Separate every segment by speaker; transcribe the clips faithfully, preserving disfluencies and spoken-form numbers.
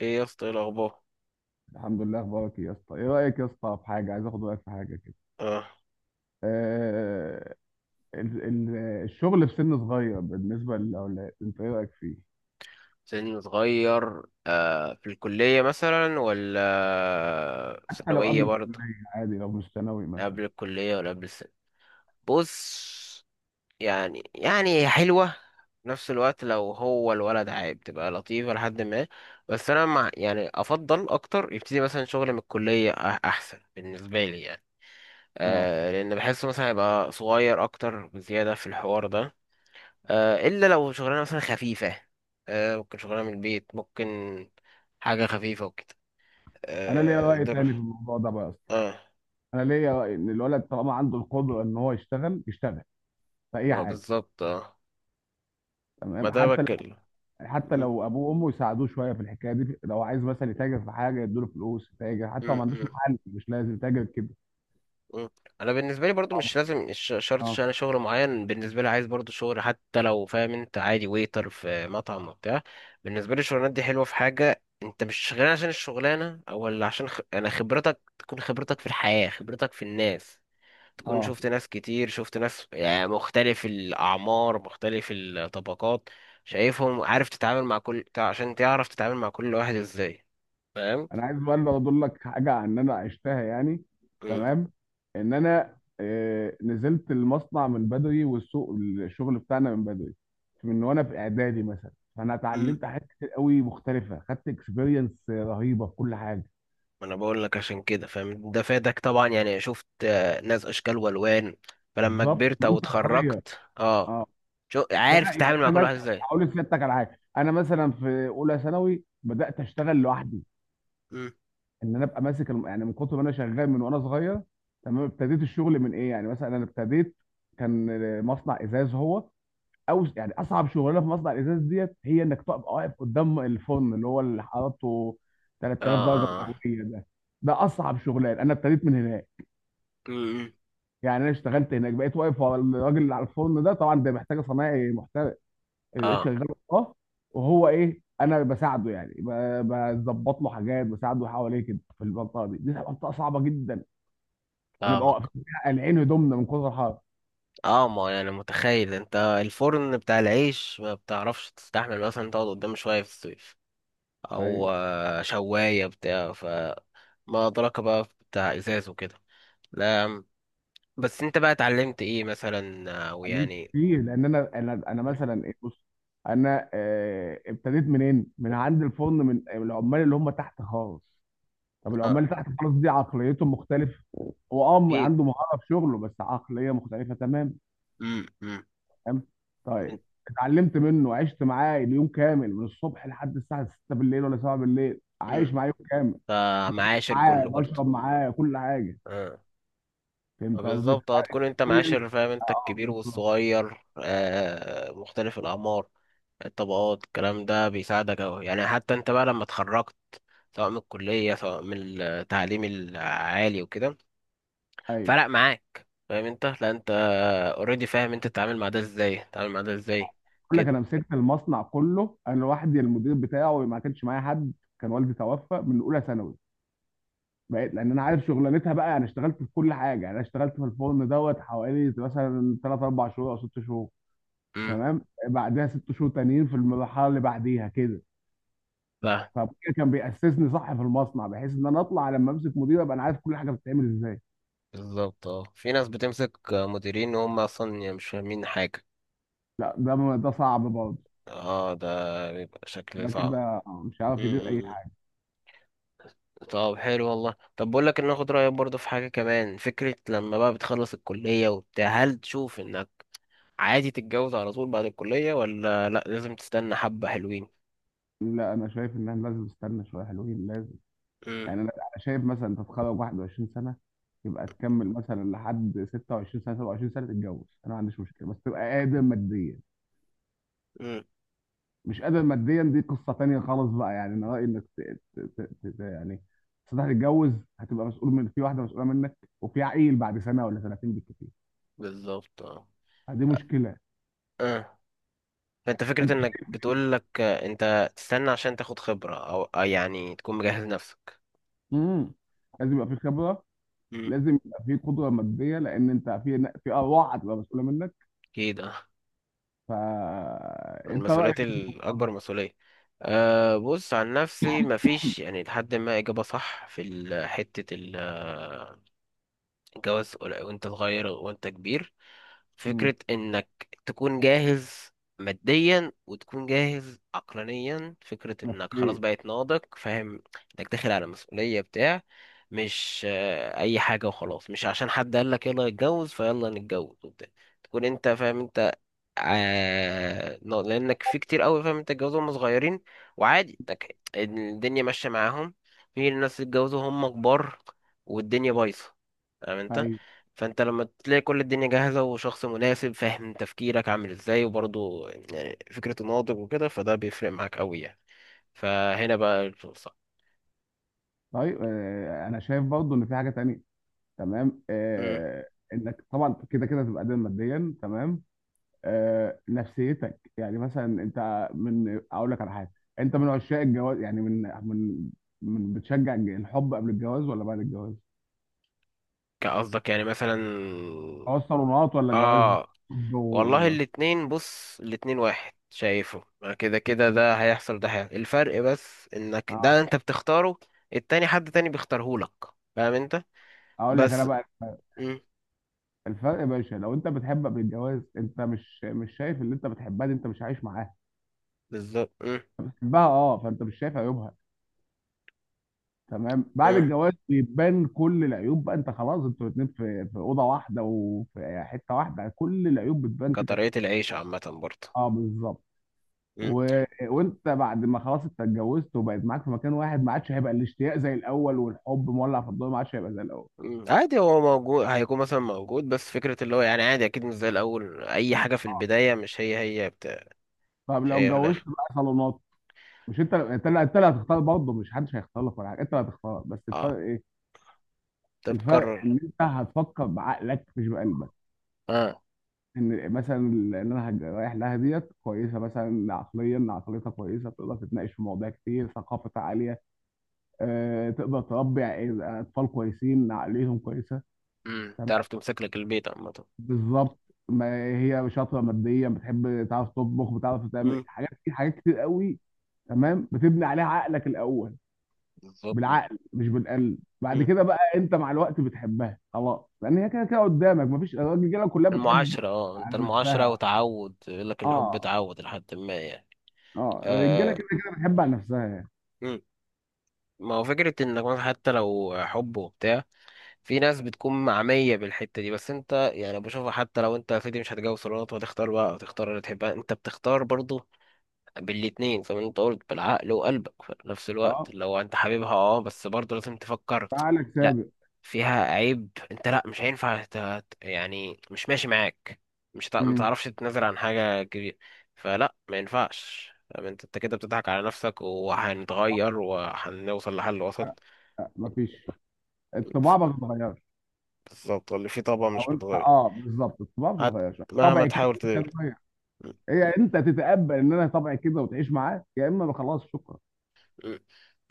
Speaker 1: ايه يا اسطى؟ ايه الاخبار؟
Speaker 2: الحمد لله، اخبارك ايه يا اسطى؟ ايه رايك يا اسطى في حاجه؟ عايز اخد رايك في حاجه كده.
Speaker 1: اه.
Speaker 2: آه. ال- ال- الشغل في سن صغير بالنسبه للاولاد، انت ايه رايك فيه؟
Speaker 1: سن صغير. آه، في الكلية مثلا ولا
Speaker 2: حتى لو
Speaker 1: ثانوية
Speaker 2: قبل
Speaker 1: برضه؟
Speaker 2: الكليه عادي، لو مش ثانوي
Speaker 1: لا
Speaker 2: مثلا.
Speaker 1: قبل الكلية ولا قبل السنة. بص، يعني يعني هي حلوة. في نفس الوقت لو هو الولد عيب تبقى لطيفة لحد ما. بس أنا مع يعني أفضل أكتر يبتدي مثلا شغل من الكلية، أح- أحسن بالنسبة لي يعني.
Speaker 2: اه.
Speaker 1: آه، لأن بحسه مثلا هيبقى صغير أكتر بزيادة في الحوار ده. آه، الا لو شغلانه مثلا خفيفه. آه، ممكن شغلانه من البيت ممكن. حاجه خفيفه وكده.
Speaker 2: انا ليا
Speaker 1: آه،
Speaker 2: راي
Speaker 1: ضرب.
Speaker 2: تاني في الموضوع ده بقى يا اسطى.
Speaker 1: اه،
Speaker 2: انا ليا راي ان الولد طالما عنده القدره ان هو يشتغل يشتغل في اي
Speaker 1: ما
Speaker 2: حاجه.
Speaker 1: بالظبط اه. ما
Speaker 2: تمام.
Speaker 1: ده
Speaker 2: حتى لو
Speaker 1: بتكلم.
Speaker 2: حتى
Speaker 1: م-
Speaker 2: لو ابوه وامه يساعدوه شويه في الحكايه دي، لو عايز مثلا يتاجر في حاجه يدوا له فلوس يتاجر، حتى لو
Speaker 1: م-
Speaker 2: ما عندوش
Speaker 1: م-
Speaker 2: محل مش لازم يتاجر كده.
Speaker 1: م. انا بالنسبه لي برضو مش لازم، مش شرط، ش-
Speaker 2: اه،
Speaker 1: انا شغل معين بالنسبه لي، عايز برضو شغل حتى لو، فاهم انت، عادي ويتر في مطعم وبتاع. بالنسبه لي الشغلانات دي حلوه في حاجه، انت مش شغال عشان الشغلانه او ولا عشان خ... انا خبرتك، تكون خبرتك في الحياه، خبرتك في الناس. تكون
Speaker 2: اه.
Speaker 1: شفت ناس كتير، شفت ناس يعني مختلف الأعمار مختلف الطبقات. شايفهم، عارف تتعامل مع كل تع- عشان تعرف تتعامل مع كل واحد ازاي. فاهم؟
Speaker 2: انا عايز بقى اللي اقول لك حاجه عن ان انا عشتها يعني.
Speaker 1: مم.
Speaker 2: تمام. ان انا آه، نزلت المصنع من بدري، والسوق الشغل بتاعنا من بدري، من وانا في اعدادي مثلا. فانا
Speaker 1: امم.
Speaker 2: اتعلمت حاجات كتير قوي مختلفه، خدت اكسبيرينس رهيبه في كل حاجه.
Speaker 1: ما انا بقول لك عشان كده، فاهم؟ ده فادك طبعا يعني. شفت آه، ناس اشكال والوان. فلما
Speaker 2: بالظبط
Speaker 1: كبرت او
Speaker 2: وانت صغير.
Speaker 1: اتخرجت اه،
Speaker 2: اه.
Speaker 1: شو
Speaker 2: بقى
Speaker 1: عارف
Speaker 2: يعني
Speaker 1: تتعامل مع
Speaker 2: انا
Speaker 1: كل
Speaker 2: مثلا.
Speaker 1: واحد ازاي.
Speaker 2: هقول لك على حاجه. انا مثلا في اولى ثانوي بدات اشتغل لوحدي.
Speaker 1: امم.
Speaker 2: ان انا ابقى ماسك الم... يعني من كتر ما انا شغال من وانا صغير. تمام. ابتديت الشغل من ايه يعني، مثلا انا ابتديت، كان مصنع ازاز هو. او يعني اصعب شغلانه في مصنع الازاز ديت، هي انك تبقى واقف قدام الفرن اللي هو اللي حرارته
Speaker 1: اه.
Speaker 2: تلت تلاف درجه
Speaker 1: اه.
Speaker 2: مئويه ده. ده اصعب شغلان، انا ابتديت من هناك.
Speaker 1: امم.
Speaker 2: يعني انا اشتغلت هناك، بقيت واقف ورا الراجل اللي على الفرن ده، طبعا ده محتاج صنايعي محترف. لقيت
Speaker 1: اه.
Speaker 2: شغال. اه. وهو ايه انا بساعده يعني، ب- بظبط له حاجات بساعده حواليه كده. في المنطقه دي، دي منطقه صعبه جدا. بنبقى
Speaker 1: فاهمك.
Speaker 2: واقفين قلعين هدومنا من كتر الحر.
Speaker 1: اه، ما انا يعني متخيل. انت الفرن بتاع العيش ما بتعرفش تستحمل مثلا تقعد قدامه شوية في الصيف، او
Speaker 2: ايوه.
Speaker 1: آه، شواية بتاع ف. ما أدراك بقى بتاع ازاز وكده. لا، بس انت بقى اتعلمت ايه مثلا او
Speaker 2: اتعلمت
Speaker 1: يعني؟
Speaker 2: كتير، لان انا انا انا مثلا، إيه، بص. انا آه، ابتديت منين؟ من عند الفرن، من العمال اللي هم تحت خالص. طب العمال
Speaker 1: اه.
Speaker 2: اللي تحت خالص دي عقليتهم مختلفه. هو اه
Speaker 1: ايه.
Speaker 2: عنده مهاره في شغله بس عقليه مختلفه تمام.
Speaker 1: امم امم
Speaker 2: تمام. طيب. اتعلمت منه، عشت معاه اليوم كامل من الصبح لحد الساعه ستة بالليل ولا سبعة بالليل، عايش
Speaker 1: امم.
Speaker 2: معاه يوم كامل.
Speaker 1: فمعاشر
Speaker 2: معاه،
Speaker 1: كله برضه.
Speaker 2: بشرب معاه، كل حاجه.
Speaker 1: اه، آه،
Speaker 2: فهمت قصدي؟
Speaker 1: بالظبط. هتكون انت
Speaker 2: حرفياً،
Speaker 1: معاشر، فاهم
Speaker 2: اه.
Speaker 1: انت،
Speaker 2: آه،
Speaker 1: الكبير
Speaker 2: بالظبط.
Speaker 1: والصغير، آه، مختلف الاعمار، الطبقات. الكلام ده بيساعدك أوي يعني. حتى أنت بقى لما اتخرجت، سواء من الكلية سواء من التعليم العالي وكده،
Speaker 2: ايوه.
Speaker 1: فرق معاك. فاهم أنت؟ لا أنت اوريدي فاهم. أنت تتعامل مع ده إزاي، تتعامل مع ده إزاي.
Speaker 2: بقول لك،
Speaker 1: كده.
Speaker 2: انا مسكت المصنع كله انا لوحدي، المدير بتاعه ما كانش معايا حد. كان والدي توفى من اولى ثانوي. بقيت لان انا عارف شغلانتها بقى. انا اشتغلت في كل حاجه، يعني انا اشتغلت في الفرن دوت حوالي مثلا تلات اربعة شهور او ستة شهور.
Speaker 1: امم.
Speaker 2: تمام. بعدها ستة شهور تانيين في المرحله اللي بعديها كده.
Speaker 1: لا.
Speaker 2: فكده كان بيأسسني صح في المصنع، بحيث ان انا اطلع لما امسك مدير ابقى انا عارف كل حاجه بتتعمل ازاي.
Speaker 1: بالظبط اه. في ناس بتمسك مديرين وهم أصلا مش فاهمين حاجة.
Speaker 2: لا، ده م- ده صعب برضه.
Speaker 1: اه، ده بيبقى شكل
Speaker 2: ده
Speaker 1: صعب.
Speaker 2: كده مش عارف يدير اي
Speaker 1: امم.
Speaker 2: حاجه.
Speaker 1: طب حلو والله. طب بقول لك، ان اخد رايك برضه في حاجه كمان، فكره لما بقى بتخلص الكليه وبتاع، هل تشوف انك عادي تتجوز على طول بعد الكلية، ولا لأ لازم تستنى حبة حلوين؟
Speaker 2: لا، انا شايف ان احنا لازم نستنى شويه حلوين، لازم.
Speaker 1: امم.
Speaker 2: يعني انا أنا شايف مثلا انت تتخرج واحد وعشرين سنه. يبقى تكمل مثلا لحد ستة وعشرين سنه سبعة وعشرين سنه تتجوز، انا ما عنديش مشكله، بس تبقى قادر ماديا.
Speaker 1: امم.
Speaker 2: مش قادر ماديا دي قصه تانيه خالص. بقى يعني انا رايي انك ت... ت... ت... ت... يعني تصدق تتجوز. هتبقى مسؤول، من في واحده مسؤوله منك وفي عقيل بعد سنه ولا سنتين بالكتير.
Speaker 1: بالظبط اه.
Speaker 2: دي مشكله.
Speaker 1: اه، فانت فكرة
Speaker 2: انت،
Speaker 1: انك بتقول لك انت تستنى عشان تاخد خبرة، او آه، يعني تكون مجهز نفسك.
Speaker 2: امم لازم يبقى في خبره.
Speaker 1: امم.
Speaker 2: لازم يبقى في قدره ماديه، لان انت في في ارواح هتبقى مسؤوله منك.
Speaker 1: اكيد اه.
Speaker 2: فانت رايك
Speaker 1: المسؤوليات
Speaker 2: ايه في الموضوع
Speaker 1: الاكبر
Speaker 2: ده؟
Speaker 1: مسؤولية. أه، بص، عن نفسي مفيش يعني لحد ما اجابة صح في ال- حتة ال- آه، الجواز ولا- وانت صغير وانت كبير.
Speaker 2: مم.
Speaker 1: فكرة انك تكون جاهز ماديا وتكون جاهز عقلانيا، فكرة انك خلاص
Speaker 2: نفسيه.
Speaker 1: بقيت ناضج، فاهم؟ انك داخل على مسؤولية بتاع. مش آه، اي حاجة وخلاص، مش عشان حد قال لك يلا نتجوز فيلا نتجوز وبتاع. تكون انت فاهم انت، آه نا- لانك في كتير قوي، فاهم انت، اتجوزوا هم صغيرين وعادي، انك الدنيا ماشية معاهم. في ناس اتجوزوا هم كبار والدنيا بايظة، فاهم انت؟
Speaker 2: ايوه.
Speaker 1: فانت لما تلاقي كل الدنيا جاهزه وشخص مناسب، فاهم تفكيرك عامل ازاي، وبرضه يعني فكرته ناضج وكده، فده بيفرق معاك قوي يعني. فهنا بقى الفرصه.
Speaker 2: طيب، آه، انا شايف برضو ان في حاجه تانية. تمام.
Speaker 1: امم.
Speaker 2: آه، انك طبعا كده كده تبقى قادر ماديا تمام. آه، نفسيتك يعني مثلا انت، من اقول لك على حاجه. انت من عشاق الجواز يعني، من من من بتشجع الج- الحب قبل الجواز ولا بعد الجواز؟
Speaker 1: قصدك يعني مثلا؟
Speaker 2: جواز صالونات ولا جواز
Speaker 1: اه.
Speaker 2: حب
Speaker 1: والله
Speaker 2: و-
Speaker 1: الاتنين، بص، الاتنين واحد شايفه، ما كده كده ده هيحصل ده هيحصل، الفرق بس انك ده
Speaker 2: اه.
Speaker 1: انت بتختاره، التاني حد تاني بيختارهولك، فاهم انت؟
Speaker 2: اقول لك انا
Speaker 1: بس.
Speaker 2: بقى.
Speaker 1: امم.
Speaker 2: الفرق يا باشا، لو انت بتحب قبل الجواز انت مش مش شايف اللي انت بتحبها دي، انت مش عايش معاها.
Speaker 1: بالظبط. امم.
Speaker 2: بتحبها اه فانت مش شايف عيوبها. تمام. بعد
Speaker 1: امم.
Speaker 2: الجواز بيبان كل العيوب، بقى انت خلاص انتوا الاتنين في في اوضه واحده وفي حته واحده، كل العيوب بتبان كده كده.
Speaker 1: كطريقة العيش عامة برضه.
Speaker 2: اه، بالظبط. و... وانت بعد ما خلاص انت اتجوزت وبقيت معاك في مكان واحد، ما عادش هيبقى الاشتياق زي الاول، والحب مولع في الضوء ما عادش هيبقى زي الاول.
Speaker 1: مم، عادي. هو موجود، هيكون مثلا موجود، بس فكرة اللي هو يعني عادي، أكيد مش زي الأول. أي حاجة في البداية مش هي هي بتاع،
Speaker 2: طب
Speaker 1: مش
Speaker 2: لو
Speaker 1: هي في
Speaker 2: اتجوزت
Speaker 1: الآخر.
Speaker 2: بقى صالونات. مش انت انت اللي انت اللي هتختار برضه؟ مش حدش هيختار لك ولا حاجه، انت اللي هتختار، بس
Speaker 1: اه.
Speaker 2: الفرق ايه؟
Speaker 1: أنت
Speaker 2: الفرق
Speaker 1: بتكرر.
Speaker 2: ان انت هتفكر بعقلك مش بقلبك.
Speaker 1: اه.
Speaker 2: ان مثلا اللي انا هج- رايح لها ديت كويسه مثلا، عقليا عقليتها كويسه، تقدر تتناقش في مواضيع كتير، ثقافتها عاليه. أه، تقدر تربي ع- اطفال كويسين عقليهم كويسه.
Speaker 1: مم.
Speaker 2: تمام.
Speaker 1: تعرف تمسك لك البيت عامة.
Speaker 2: بالظبط. ما هي شاطره ماديا، بتحب، تعرف تطبخ، بتعرف تعمل
Speaker 1: مم.
Speaker 2: حاجات كتير، حاجات كتير قوي. تمام. بتبني عليها عقلك الاول.
Speaker 1: بالظبط.
Speaker 2: بالعقل مش بالقلب. بعد
Speaker 1: مم.
Speaker 2: كده بقى انت مع الوقت بتحبها خلاص، لان هي كده كده قدامك مفيش، الرجاله كلها بتحب
Speaker 1: المعاشرة اه، انت
Speaker 2: على
Speaker 1: المعاشرة
Speaker 2: نفسها.
Speaker 1: وتعود، يقول لك الحب
Speaker 2: اه،
Speaker 1: تعود لحد ما يعني.
Speaker 2: اه، الرجاله
Speaker 1: آه.
Speaker 2: كده كده بتحب على نفسها يعني.
Speaker 1: مم. ما هو فكرة انك مثلا حتى لو حب وبتاع، في ناس بتكون معمية بالحتة دي، بس انت يعني بشوفها. حتى لو انت يا سيدي مش هتجوز صالونات وهتختار بقى وتختار اللي تحبها، انت بتختار برضه بالاتنين زي ما انت قلت، بالعقل وقلبك في نفس الوقت.
Speaker 2: اه.
Speaker 1: لو انت حبيبها اه، بس برضه لازم تفكر.
Speaker 2: تعالك
Speaker 1: لا،
Speaker 2: سابق.
Speaker 1: فيها عيب انت، لا مش هينفع ت- ت- يعني مش ماشي معاك، مش هتع- ما
Speaker 2: امم.
Speaker 1: تعرفش تتنازل عن حاجة كبيرة. فلا ما ينفعش، طب انت، انت كده بتضحك على نفسك، وهنتغير وهنوصل لحل وسط.
Speaker 2: مفيش. الطباع ما
Speaker 1: ف-
Speaker 2: بتتغيرش.
Speaker 1: بالظبط، اللي فيه طبقة مش
Speaker 2: او انت،
Speaker 1: بتغير.
Speaker 2: اه بالظبط، الطباع ما
Speaker 1: هت،
Speaker 2: بتتغيرش،
Speaker 1: مهما
Speaker 2: طبعي كده
Speaker 1: تحاول
Speaker 2: مش
Speaker 1: تغير.
Speaker 2: هتغير. هي انت تتقبل ان انا طبعي كده وتعيش معاه، يا اما خلاص شكرا.
Speaker 1: مم.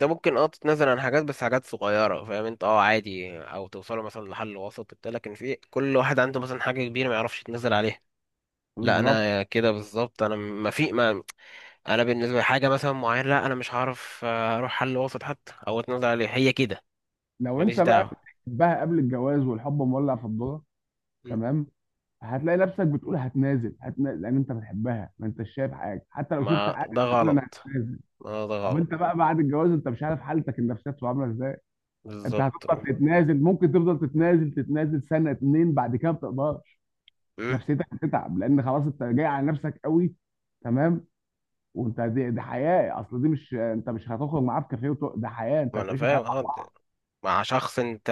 Speaker 1: ده ممكن اه، تتنازل عن حاجات بس حاجات صغيرة، فاهم انت، اه عادي، او توصلوا مثلا لحل وسط وبتاع، لكن في كل واحد عنده مثلا حاجة كبيرة ما يعرفش يتنازل عليها. لا
Speaker 2: بالظبط.
Speaker 1: انا كده بالظبط، انا ما في ما، انا بالنسبة لحاجة مثلا معينة، لا انا مش هعرف آه، اروح حل وسط حتى او اتنازل عليها، هي كده.
Speaker 2: لو
Speaker 1: ماليش
Speaker 2: انت بقى
Speaker 1: دعوة.
Speaker 2: بتحبها قبل الجواز والحب مولع في الدنيا.
Speaker 1: مم.
Speaker 2: تمام. هتلاقي نفسك بتقول هتنازل هتنازل لان انت بتحبها، ما انتش شايف حاجه، حتى لو شفت
Speaker 1: ما
Speaker 2: حاجه
Speaker 1: ده
Speaker 2: هتقول
Speaker 1: غلط.
Speaker 2: انا هتنازل.
Speaker 1: ما ده
Speaker 2: طب
Speaker 1: غلط.
Speaker 2: انت بقى بعد الجواز، انت مش عارف حالتك النفسيه بتبقى عامله ازاي. انت
Speaker 1: بالظبط.
Speaker 2: هتفضل تتنازل، ممكن تفضل تتنازل تتنازل سنه اتنين، بعد كده ما بتقدرش.
Speaker 1: مم.
Speaker 2: نفسيتك هتتعب، لان خلاص انت جاي على نفسك قوي. تمام. وانت دي, دي حياه، اصل دي مش، انت مش هتخرج معاه في كافيه، وتق- ده حياه انت
Speaker 1: ما انا
Speaker 2: هتعيشه حياه.
Speaker 1: فاهم اه، مع شخص انت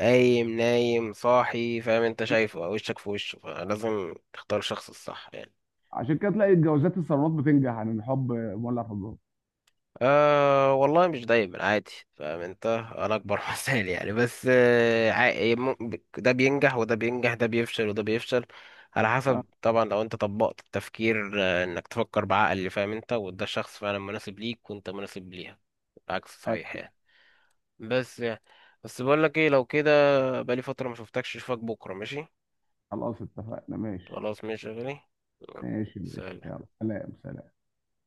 Speaker 1: قايم نايم صاحي، فاهم انت، شايفه وشك في وشه، فلازم تختار الشخص الصح يعني.
Speaker 2: عشان كده تلاقي الجوازات الصالونات بتنجح عن الحب مولع في الجو.
Speaker 1: أه والله، مش دايما، عادي، فاهم انت. انا اكبر مثال يعني. بس آه، عا- مم- ده بينجح وده بينجح، ده بيفشل وده بيفشل، على
Speaker 2: آه،
Speaker 1: حسب طبعا. لو انت طبقت التفكير، آه، انك تفكر بعقل، فاهم انت، وده الشخص فعلا مناسب ليك وانت مناسب ليها. العكس صحيح
Speaker 2: أيوة.
Speaker 1: يعني. بس يعني، بس بقول لك ايه، لو كده، بقالي فترة ما شفتكش، اشوفك بكرة ماشي؟
Speaker 2: خلاص اتفقنا ماشي.
Speaker 1: خلاص ماشي يا غالي.
Speaker 2: ماشي ماشي،
Speaker 1: سلام.
Speaker 2: يلا سلام سلام.